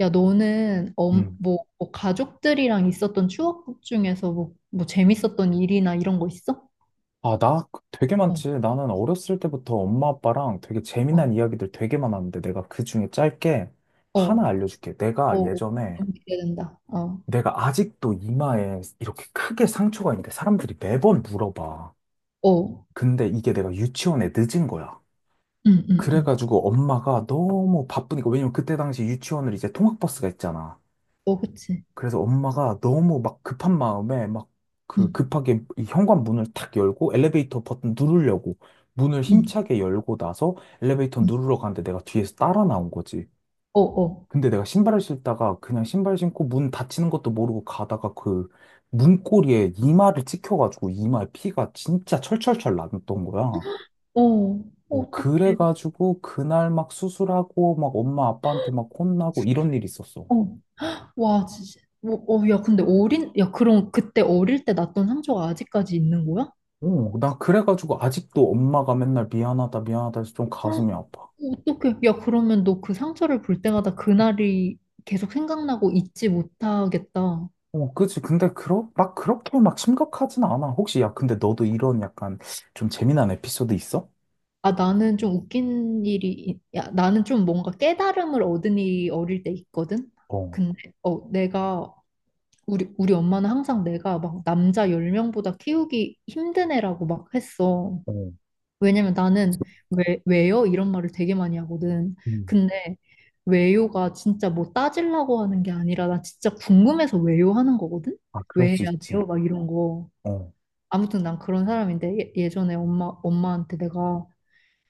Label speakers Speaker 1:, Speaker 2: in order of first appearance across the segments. Speaker 1: 야, 너는 엄
Speaker 2: 음.
Speaker 1: 뭐 가족들이랑 있었던 추억 중에서 뭐 재밌었던 일이나 이런 거 있어?
Speaker 2: 아, 나 되게
Speaker 1: 어,
Speaker 2: 많지. 나는 어렸을 때부터 엄마 아빠랑 되게 재미난
Speaker 1: 어,
Speaker 2: 이야기들 되게 많았는데, 내가 그 중에 짧게 하나
Speaker 1: 어,
Speaker 2: 알려줄게.
Speaker 1: 어, 어, 너무 기대된다. 어,
Speaker 2: 내가 아직도 이마에 이렇게 크게 상처가 있는데 사람들이 매번 물어봐.
Speaker 1: 어,
Speaker 2: 근데 이게 내가 유치원에 늦은 거야.
Speaker 1: 응, 응, 응.
Speaker 2: 그래가지고 엄마가 너무 바쁘니까, 왜냐면 그때 당시 유치원을 이제 통학버스가 있잖아.
Speaker 1: 어, 그치.
Speaker 2: 그래서 엄마가 너무 막 급한 마음에 막 그
Speaker 1: 응,
Speaker 2: 급하게 이 현관 문을 탁 열고, 엘리베이터 버튼 누르려고 문을
Speaker 1: 응,
Speaker 2: 힘차게 열고 나서 엘리베이터
Speaker 1: 응.
Speaker 2: 누르러 가는데 내가 뒤에서 따라 나온 거지.
Speaker 1: 어, 어,
Speaker 2: 근데 내가 신발을 신다가 그냥 신발 신고 문 닫히는 것도 모르고 가다가 그 문고리에 이마를 찍혀가지고 이마에 피가 진짜 철철철 났던 거야.
Speaker 1: 어,
Speaker 2: 어,
Speaker 1: 어떡해.
Speaker 2: 그래가지고 그날 막 수술하고 막 엄마 아빠한테 막 혼나고 이런 일이 있었어.
Speaker 1: 어, 와, 진짜. 어, 어, 야, 근데 야, 그럼 그때 어릴 때 났던 상처가 아직까지 있는 거야?
Speaker 2: 어, 나 그래가지고 아직도 엄마가 맨날 미안하다, 미안하다 해서 좀
Speaker 1: 헉,
Speaker 2: 가슴이 아파.
Speaker 1: 어떡해. 야, 그러면 너 그 상처를 볼 때마다 그날이 계속 생각나고 잊지 못하겠다.
Speaker 2: 어, 그치. 근데 막 그렇게 막 심각하진 않아. 혹시, 야, 근데 너도 이런 약간 좀 재미난 에피소드 있어?
Speaker 1: 아, 나는 좀 웃긴 일이, 야, 나는 좀 뭔가 깨달음을 얻은 일이 어릴 때 있거든?
Speaker 2: 어,
Speaker 1: 근데 우리 엄마는 항상 내가 막 남자 10명보다 키우기 힘든 애라고 막 했어.
Speaker 2: 어,
Speaker 1: 왜냐면 나는 왜요? 이런 말을 되게 많이 하거든.
Speaker 2: 음.
Speaker 1: 근데 왜요가 진짜 뭐 따지려고 하는 게 아니라 나 진짜 궁금해서 왜요 하는 거거든?
Speaker 2: 아, 그럴
Speaker 1: 왜
Speaker 2: 수
Speaker 1: 해야
Speaker 2: 있지.
Speaker 1: 돼요? 막 이런 거.
Speaker 2: 어,
Speaker 1: 아무튼 난 그런 사람인데 예전에 엄마한테 내가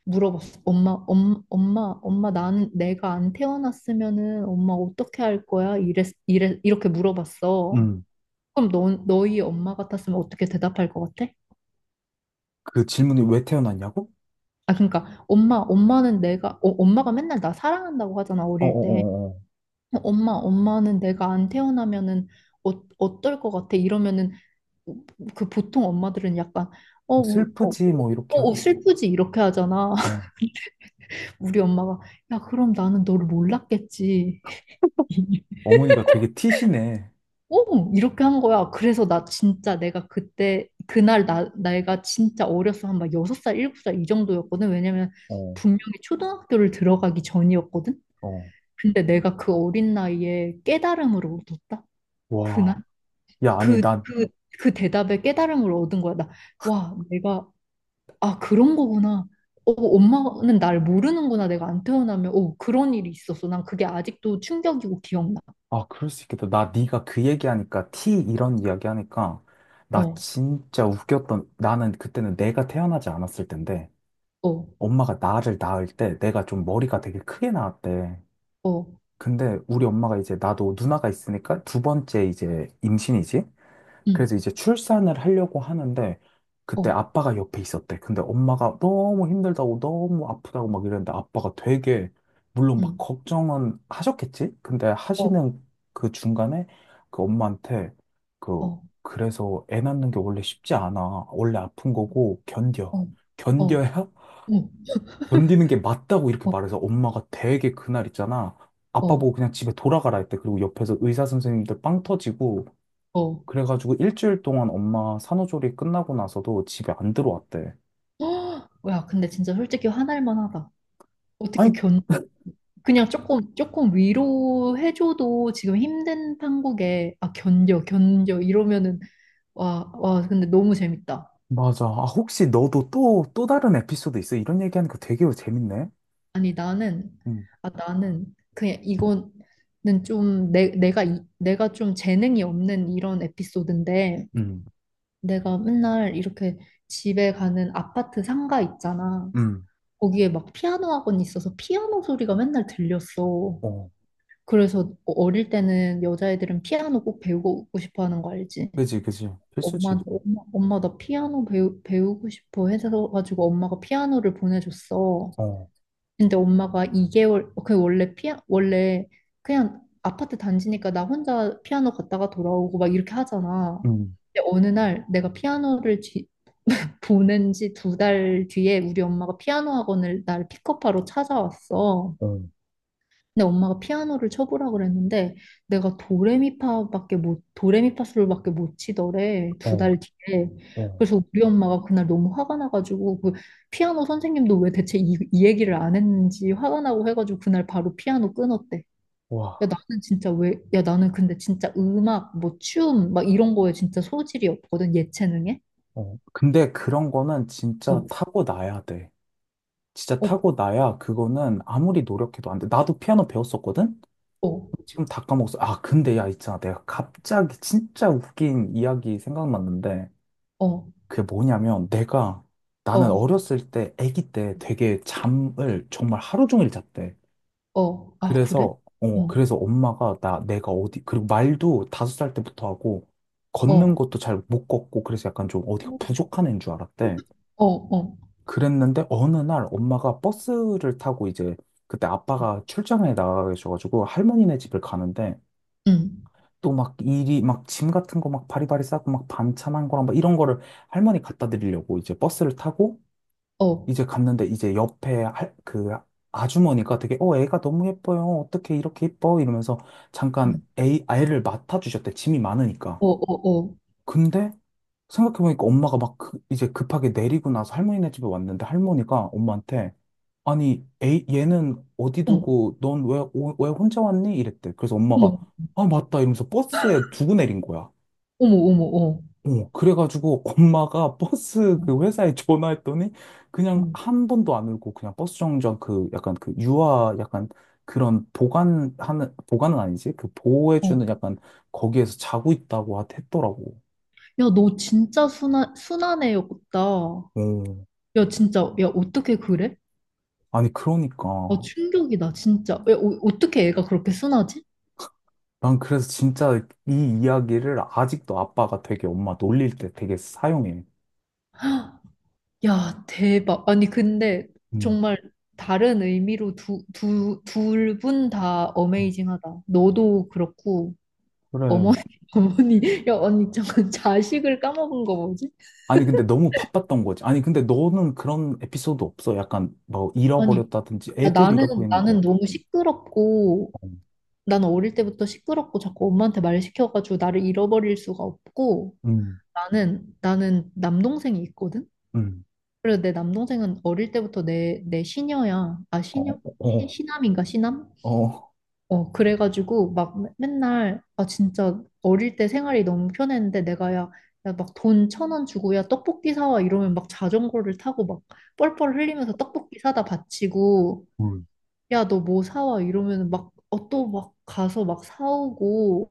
Speaker 1: 물어봤어. 엄마, 나는 내가 안 태어났으면은 엄마 어떻게 할 거야? 이렇게 물어봤어.
Speaker 2: 음.
Speaker 1: 그럼 너희 엄마 같았으면 어떻게 대답할 것 같아?
Speaker 2: 그 질문이 왜 태어났냐고?
Speaker 1: 아, 그러니까 엄마는 엄마가 맨날 나 사랑한다고 하잖아,
Speaker 2: 어어어어.
Speaker 1: 어릴 때.
Speaker 2: 어, 어, 어, 어.
Speaker 1: 엄마는 내가 안 태어나면은 어, 어떨 것 같아? 이러면은 그 보통 엄마들은 약간 어, 우- 어,
Speaker 2: 슬프지, 뭐, 이렇게 하겠지.
Speaker 1: 슬프지 이렇게 하잖아.
Speaker 2: 어,
Speaker 1: 우리 엄마가 야, 그럼 나는 너를 몰랐겠지.
Speaker 2: 어머니가 되게 티시네.
Speaker 1: 오! 이렇게 한 거야. 그래서 나 진짜 내가 그날 나이가 진짜 어렸어. 한 막 6살 7살 이 정도였거든. 왜냐면
Speaker 2: 어,
Speaker 1: 분명히 초등학교를 들어가기 전이었거든.
Speaker 2: 어.
Speaker 1: 근데 내가 그 어린 나이에 깨달음을 얻었다. 그날?
Speaker 2: 와. 야, 아니,
Speaker 1: 그,
Speaker 2: 나.
Speaker 1: 그, 그 대답에 깨달음을 얻은 거야. 와, 아, 그런 거구나. 엄마는 날 모르는구나. 내가 안 태어나면, 그런 일이 있었어. 난 그게 아직도 충격이고 기억나.
Speaker 2: 아, 그럴 수 있겠다. 나 네가 그 얘기하니까 티 이런 이야기하니까 나
Speaker 1: 어,
Speaker 2: 진짜 웃겼던, 나는 그때는 내가 태어나지 않았을 텐데,
Speaker 1: 어,
Speaker 2: 엄마가 나를 낳을 때 내가 좀 머리가 되게 크게 나왔대.
Speaker 1: 어,
Speaker 2: 근데 우리 엄마가 이제 나도 누나가 있으니까 두 번째 이제 임신이지?
Speaker 1: 응,
Speaker 2: 그래서 이제 출산을 하려고 하는데 그때
Speaker 1: 어,
Speaker 2: 아빠가 옆에 있었대. 근데 엄마가 너무 힘들다고 너무 아프다고 막 이랬는데, 아빠가 되게, 물론 막
Speaker 1: 응.
Speaker 2: 걱정은 하셨겠지? 근데
Speaker 1: 어.
Speaker 2: 하시는 그 중간에 그 엄마한테 그,
Speaker 1: 어,
Speaker 2: 그래서 애 낳는 게 원래 쉽지 않아, 원래 아픈 거고 견뎌,
Speaker 1: 어, 어,
Speaker 2: 견뎌야
Speaker 1: 응,
Speaker 2: 견디는 게 맞다고 이렇게
Speaker 1: 어,
Speaker 2: 말해서, 엄마가 되게 그날 있잖아, 아빠
Speaker 1: 어,
Speaker 2: 보고 그냥 집에 돌아가라 했대. 그리고 옆에서 의사 선생님들 빵 터지고
Speaker 1: 어.
Speaker 2: 그래가지고 일주일 동안 엄마 산후조리 끝나고 나서도 집에 안 들어왔대.
Speaker 1: 야, 근데 진짜 솔직히 화날 만하다. 어떻게
Speaker 2: 아니,
Speaker 1: 견, 그냥 조금 위로해줘도 지금 힘든 판국에, 아, 견뎌, 견뎌, 이러면은, 와, 근데 너무 재밌다.
Speaker 2: 맞아. 아, 혹시 너도 또, 또 다른 에피소드 있어? 이런 얘기하니까 되게 재밌네.
Speaker 1: 아니, 나는,
Speaker 2: 응,
Speaker 1: 아, 그냥 이거는 좀, 내가 좀 재능이 없는 이런 에피소드인데,
Speaker 2: 응,
Speaker 1: 내가 맨날 이렇게 집에 가는 아파트 상가 있잖아.
Speaker 2: 응.
Speaker 1: 거기에 막 피아노 학원이 있어서 피아노 소리가 맨날 들렸어.
Speaker 2: 어,
Speaker 1: 그래서 어릴 때는 여자애들은 피아노 꼭 배우고 싶어 하는 거 알지?
Speaker 2: 그지, 그지. 필수지.
Speaker 1: 엄마한테 엄마 나 피아노 배우고 싶어 해서 가지고 엄마가 피아노를 보내줬어.
Speaker 2: 어,
Speaker 1: 근데 엄마가 2개월 그 원래 피아 원래 그냥 아파트 단지니까 나 혼자 피아노 갔다가 돌아오고 막 이렇게 하잖아.
Speaker 2: 응,
Speaker 1: 근데 어느 날 내가 보낸 지 2달 뒤에 우리 엄마가 피아노 학원을 나를 픽업하러 찾아왔어.
Speaker 2: 어,
Speaker 1: 근데 엄마가 피아노를 쳐보라 그랬는데 내가 도레미파밖에 못 도레미파솔밖에 못 치더래 두
Speaker 2: 어,
Speaker 1: 달 뒤에.
Speaker 2: 어.
Speaker 1: 그래서 우리 엄마가 그날 너무 화가 나가지고 그 피아노 선생님도 왜 대체 이 얘기를 안 했는지 화가 나고 해가지고 그날 바로 피아노 끊었대.
Speaker 2: 와,
Speaker 1: 야 나는 근데 진짜 음악 뭐 춤 막 이런 거에 진짜 소질이 없거든 예체능에.
Speaker 2: 어. 근데 그런 거는 진짜
Speaker 1: 어,
Speaker 2: 타고 나야 돼. 진짜
Speaker 1: 어,
Speaker 2: 타고 나야, 그거는 아무리 노력해도 안 돼. 나도 피아노 배웠었거든?
Speaker 1: 어,
Speaker 2: 지금 다 까먹었어. 아, 근데 야, 있잖아, 내가 갑자기 진짜 웃긴 이야기 생각났는데,
Speaker 1: 어.
Speaker 2: 그게 뭐냐면 내가, 나는
Speaker 1: 어.
Speaker 2: 어렸을 때 아기 때 되게 잠을 정말 하루 종일 잤대.
Speaker 1: 어, 아, 그래?
Speaker 2: 그래서 어
Speaker 1: 어,
Speaker 2: 그래서 엄마가 나 내가 어디, 그리고 말도 5살 때부터 하고 걷는
Speaker 1: 어,
Speaker 2: 것도 잘 못 걷고 그래서 약간 좀 어디가 부족한 애인 줄 알았대.
Speaker 1: 어, 어,
Speaker 2: 그랬는데 어느 날 엄마가 버스를 타고 이제, 그때 아빠가 출장에 나가 계셔가지고 할머니네 집을 가는데,
Speaker 1: 응,
Speaker 2: 또 막 일이 막 짐 같은 거 막 바리바리 싸고 막 반찬 한 거랑 막 이런 거를 할머니 갖다 드리려고 이제 버스를 타고
Speaker 1: 어,
Speaker 2: 이제 갔는데, 이제 옆에 그 아주머니가 되게, 어, 애가 너무 예뻐요, 어떻게 이렇게 예뻐? 이러면서 잠깐
Speaker 1: 응,
Speaker 2: 애 아이를 맡아주셨대. 짐이 많으니까.
Speaker 1: 어, 어, 어,
Speaker 2: 근데 생각해보니까 엄마가 막 이제 급하게 내리고 나서 할머니네 집에 왔는데, 할머니가 엄마한테, 아니 애 얘는 어디
Speaker 1: 어머,
Speaker 2: 두고 넌 왜 혼자 왔니? 이랬대. 그래서 엄마가, 아 맞다, 이러면서 버스에 두고 내린 거야.
Speaker 1: 어머, 어머, 어머,
Speaker 2: 어, 그래가지고 엄마가 버스
Speaker 1: 어,
Speaker 2: 그 회사에 전화했더니,
Speaker 1: 어,
Speaker 2: 그냥 한 번도 안 울고 그냥 버스 정류장, 그 약간 그 유아 약간 그런 보관하는, 보관은 아니지? 그
Speaker 1: 어.
Speaker 2: 보호해주는
Speaker 1: 어.
Speaker 2: 약간, 거기에서 자고 있다고 했더라고.
Speaker 1: 야, 너 진짜 순한 애였다.
Speaker 2: 오.
Speaker 1: 야, 진짜, 야, 어떻게 그래?
Speaker 2: 아니,
Speaker 1: 아,
Speaker 2: 그러니까.
Speaker 1: 충격이다, 진짜. 야, 어떻게 애가 그렇게 순하지?
Speaker 2: 난 그래서 진짜 이 이야기를 아직도 아빠가 되게 엄마 놀릴 때 되게 사용해.
Speaker 1: 야, 대박. 아니, 근데
Speaker 2: 음.
Speaker 1: 정말 다른 의미로 둘 분 다 어메이징하다. 너도 그렇고,
Speaker 2: 그래.
Speaker 1: 어머니, 어머니, 야, 언니, 잠깐 자식을 까먹은 거 뭐지?
Speaker 2: 아니, 근데 너무 바빴던 거지. 아니, 근데 너는 그런 에피소드 없어? 약간 뭐
Speaker 1: 아니,
Speaker 2: 잃어버렸다든지,
Speaker 1: 야,
Speaker 2: 애들
Speaker 1: 나는,
Speaker 2: 잃어버리는 거.
Speaker 1: 나는 너무 시끄럽고,
Speaker 2: 어,
Speaker 1: 나는 어릴 때부터 시끄럽고 자꾸 엄마한테 말 시켜가지고 나를 잃어버릴 수가 없고,
Speaker 2: 음,
Speaker 1: 나는 남동생이 있거든?
Speaker 2: 음,
Speaker 1: 그래서 내 남동생은 어릴 때부터 내 시녀야. 아,
Speaker 2: 어,
Speaker 1: 시녀?
Speaker 2: 어,
Speaker 1: 시남인가, 시남?
Speaker 2: 어, 어.
Speaker 1: 어, 그래가지고 막 날 아 진짜 어릴 때 생활이 너무 편했는데 내가 야, 야 막 돈 1,000원 주고 야 떡볶이 사와 이러면 막 자전거를 타고 막 뻘뻘 흘리면서 떡볶이 사다 바치고
Speaker 2: 음.
Speaker 1: 야 너 뭐 사와 이러면 막 또 막 가서 막 사오고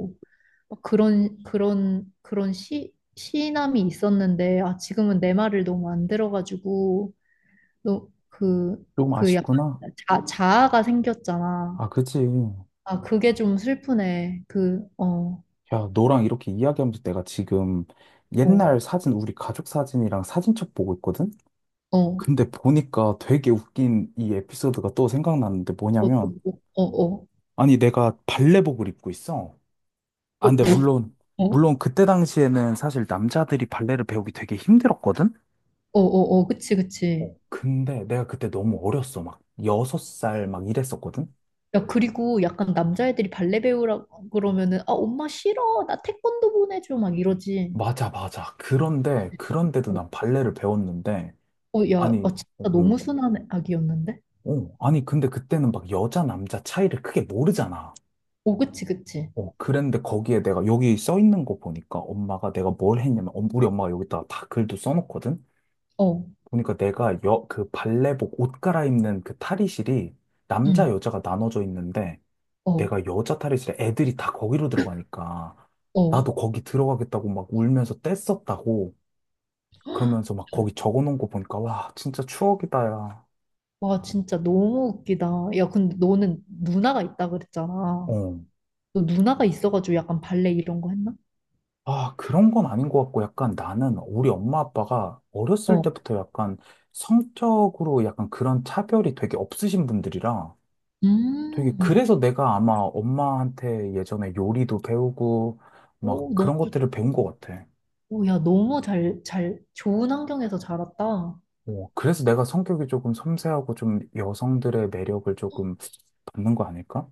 Speaker 1: 막 그런 시 시인함이 있었는데 아 지금은 내 말을 너무 안 들어가지고
Speaker 2: 좀
Speaker 1: 너그그 약간
Speaker 2: 아쉽구나.
Speaker 1: 자아가 생겼잖아.
Speaker 2: 아, 그치.
Speaker 1: 아, 그게 좀 슬프네. 어,
Speaker 2: 야, 너랑 이렇게 이야기하면서 내가 지금
Speaker 1: 어,
Speaker 2: 옛날 사진, 우리 가족 사진이랑 사진첩 보고 있거든?
Speaker 1: 어, 어,
Speaker 2: 근데 보니까 되게 웃긴 이 에피소드가 또 생각났는데
Speaker 1: 어,
Speaker 2: 뭐냐면,
Speaker 1: 어, 어, 어,
Speaker 2: 아니, 내가 발레복을 입고 있어. 아, 근데 물론,
Speaker 1: 어,
Speaker 2: 물론 그때 당시에는 사실 남자들이 발레를 배우기 되게 힘들었거든?
Speaker 1: 어, 어, 어, 그치, 그치.
Speaker 2: 어, 근데 내가 그때 너무 어렸어. 막 6살 막 이랬었거든?
Speaker 1: 야, 그리고 약간 남자애들이 발레 배우라고 그러면은, 아, 엄마 싫어. 나 태권도 보내줘. 막 이러지.
Speaker 2: 맞아, 맞아. 그런데, 그런데도
Speaker 1: 어,
Speaker 2: 난 발레를 배웠는데,
Speaker 1: 어, 야, 아,
Speaker 2: 아니,
Speaker 1: 진짜
Speaker 2: 어,
Speaker 1: 너무
Speaker 2: 어,
Speaker 1: 순한 아기였는데?
Speaker 2: 어, 아니, 근데 그때는 막 여자, 남자 차이를 크게 모르잖아.
Speaker 1: 어, 그치, 그치.
Speaker 2: 어, 그랬는데 거기에 내가 여기 써 있는 거 보니까 엄마가 내가 뭘 했냐면, 우리 엄마가 여기다가 다 글도 써놓거든?
Speaker 1: 어,
Speaker 2: 보니까 내가 그 발레복 옷 갈아입는 그 탈의실이 남자,
Speaker 1: 응,
Speaker 2: 여자가 나눠져 있는데,
Speaker 1: 어,
Speaker 2: 내가 여자 탈의실에 애들이 다 거기로 들어가니까
Speaker 1: 어.
Speaker 2: 나도 거기 들어가겠다고 막 울면서 뗐었다고, 그러면서 막 거기 적어 놓은 거 보니까, 와, 진짜 추억이다, 야.
Speaker 1: 와, 진짜 너무 웃기다. 야, 근데 너는 누나가 있다 그랬잖아.
Speaker 2: 어.
Speaker 1: 너 누나가 있어가지고 약간 발레 이런 거 했나?
Speaker 2: 아, 그런 건 아닌 것 같고, 약간 나는 우리 엄마 아빠가 어렸을
Speaker 1: 어.
Speaker 2: 때부터 약간 성적으로 약간 그런 차별이 되게 없으신 분들이라 되게,
Speaker 1: 음.
Speaker 2: 그래서 내가 아마 엄마한테 예전에 요리도 배우고 막
Speaker 1: 오,
Speaker 2: 그런 것들을 배운 것 같아.
Speaker 1: 오, 야, 너무 좋은 환경에서 자랐다.
Speaker 2: 어, 그래서 내가 성격이 조금 섬세하고 좀 여성들의 매력을 조금 받는 거 아닐까?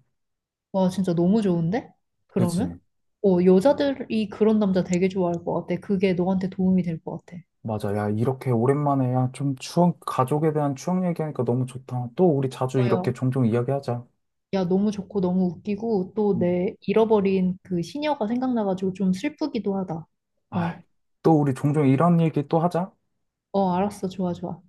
Speaker 1: 와, 진짜 너무 좋은데?
Speaker 2: 그지?
Speaker 1: 그러면? 어, 여자들이 그런 남자 되게 좋아할 것 같아. 그게 너한테 도움이 될 것 같아.
Speaker 2: 맞아. 야, 이렇게 오랜만에, 야, 좀 추억, 가족에 대한 추억 얘기하니까 너무 좋다. 또 우리 자주
Speaker 1: 어, 야,
Speaker 2: 이렇게 종종 이야기하자.
Speaker 1: 야, 너무 좋고 너무 웃기고 또
Speaker 2: 음.
Speaker 1: 내 잃어버린 그 시녀가 생각나가지고 좀 슬프기도 하다.
Speaker 2: 아,
Speaker 1: 어,
Speaker 2: 또 우리 종종 이런 얘기 또 하자.
Speaker 1: 어, 알았어. 좋아, 좋아.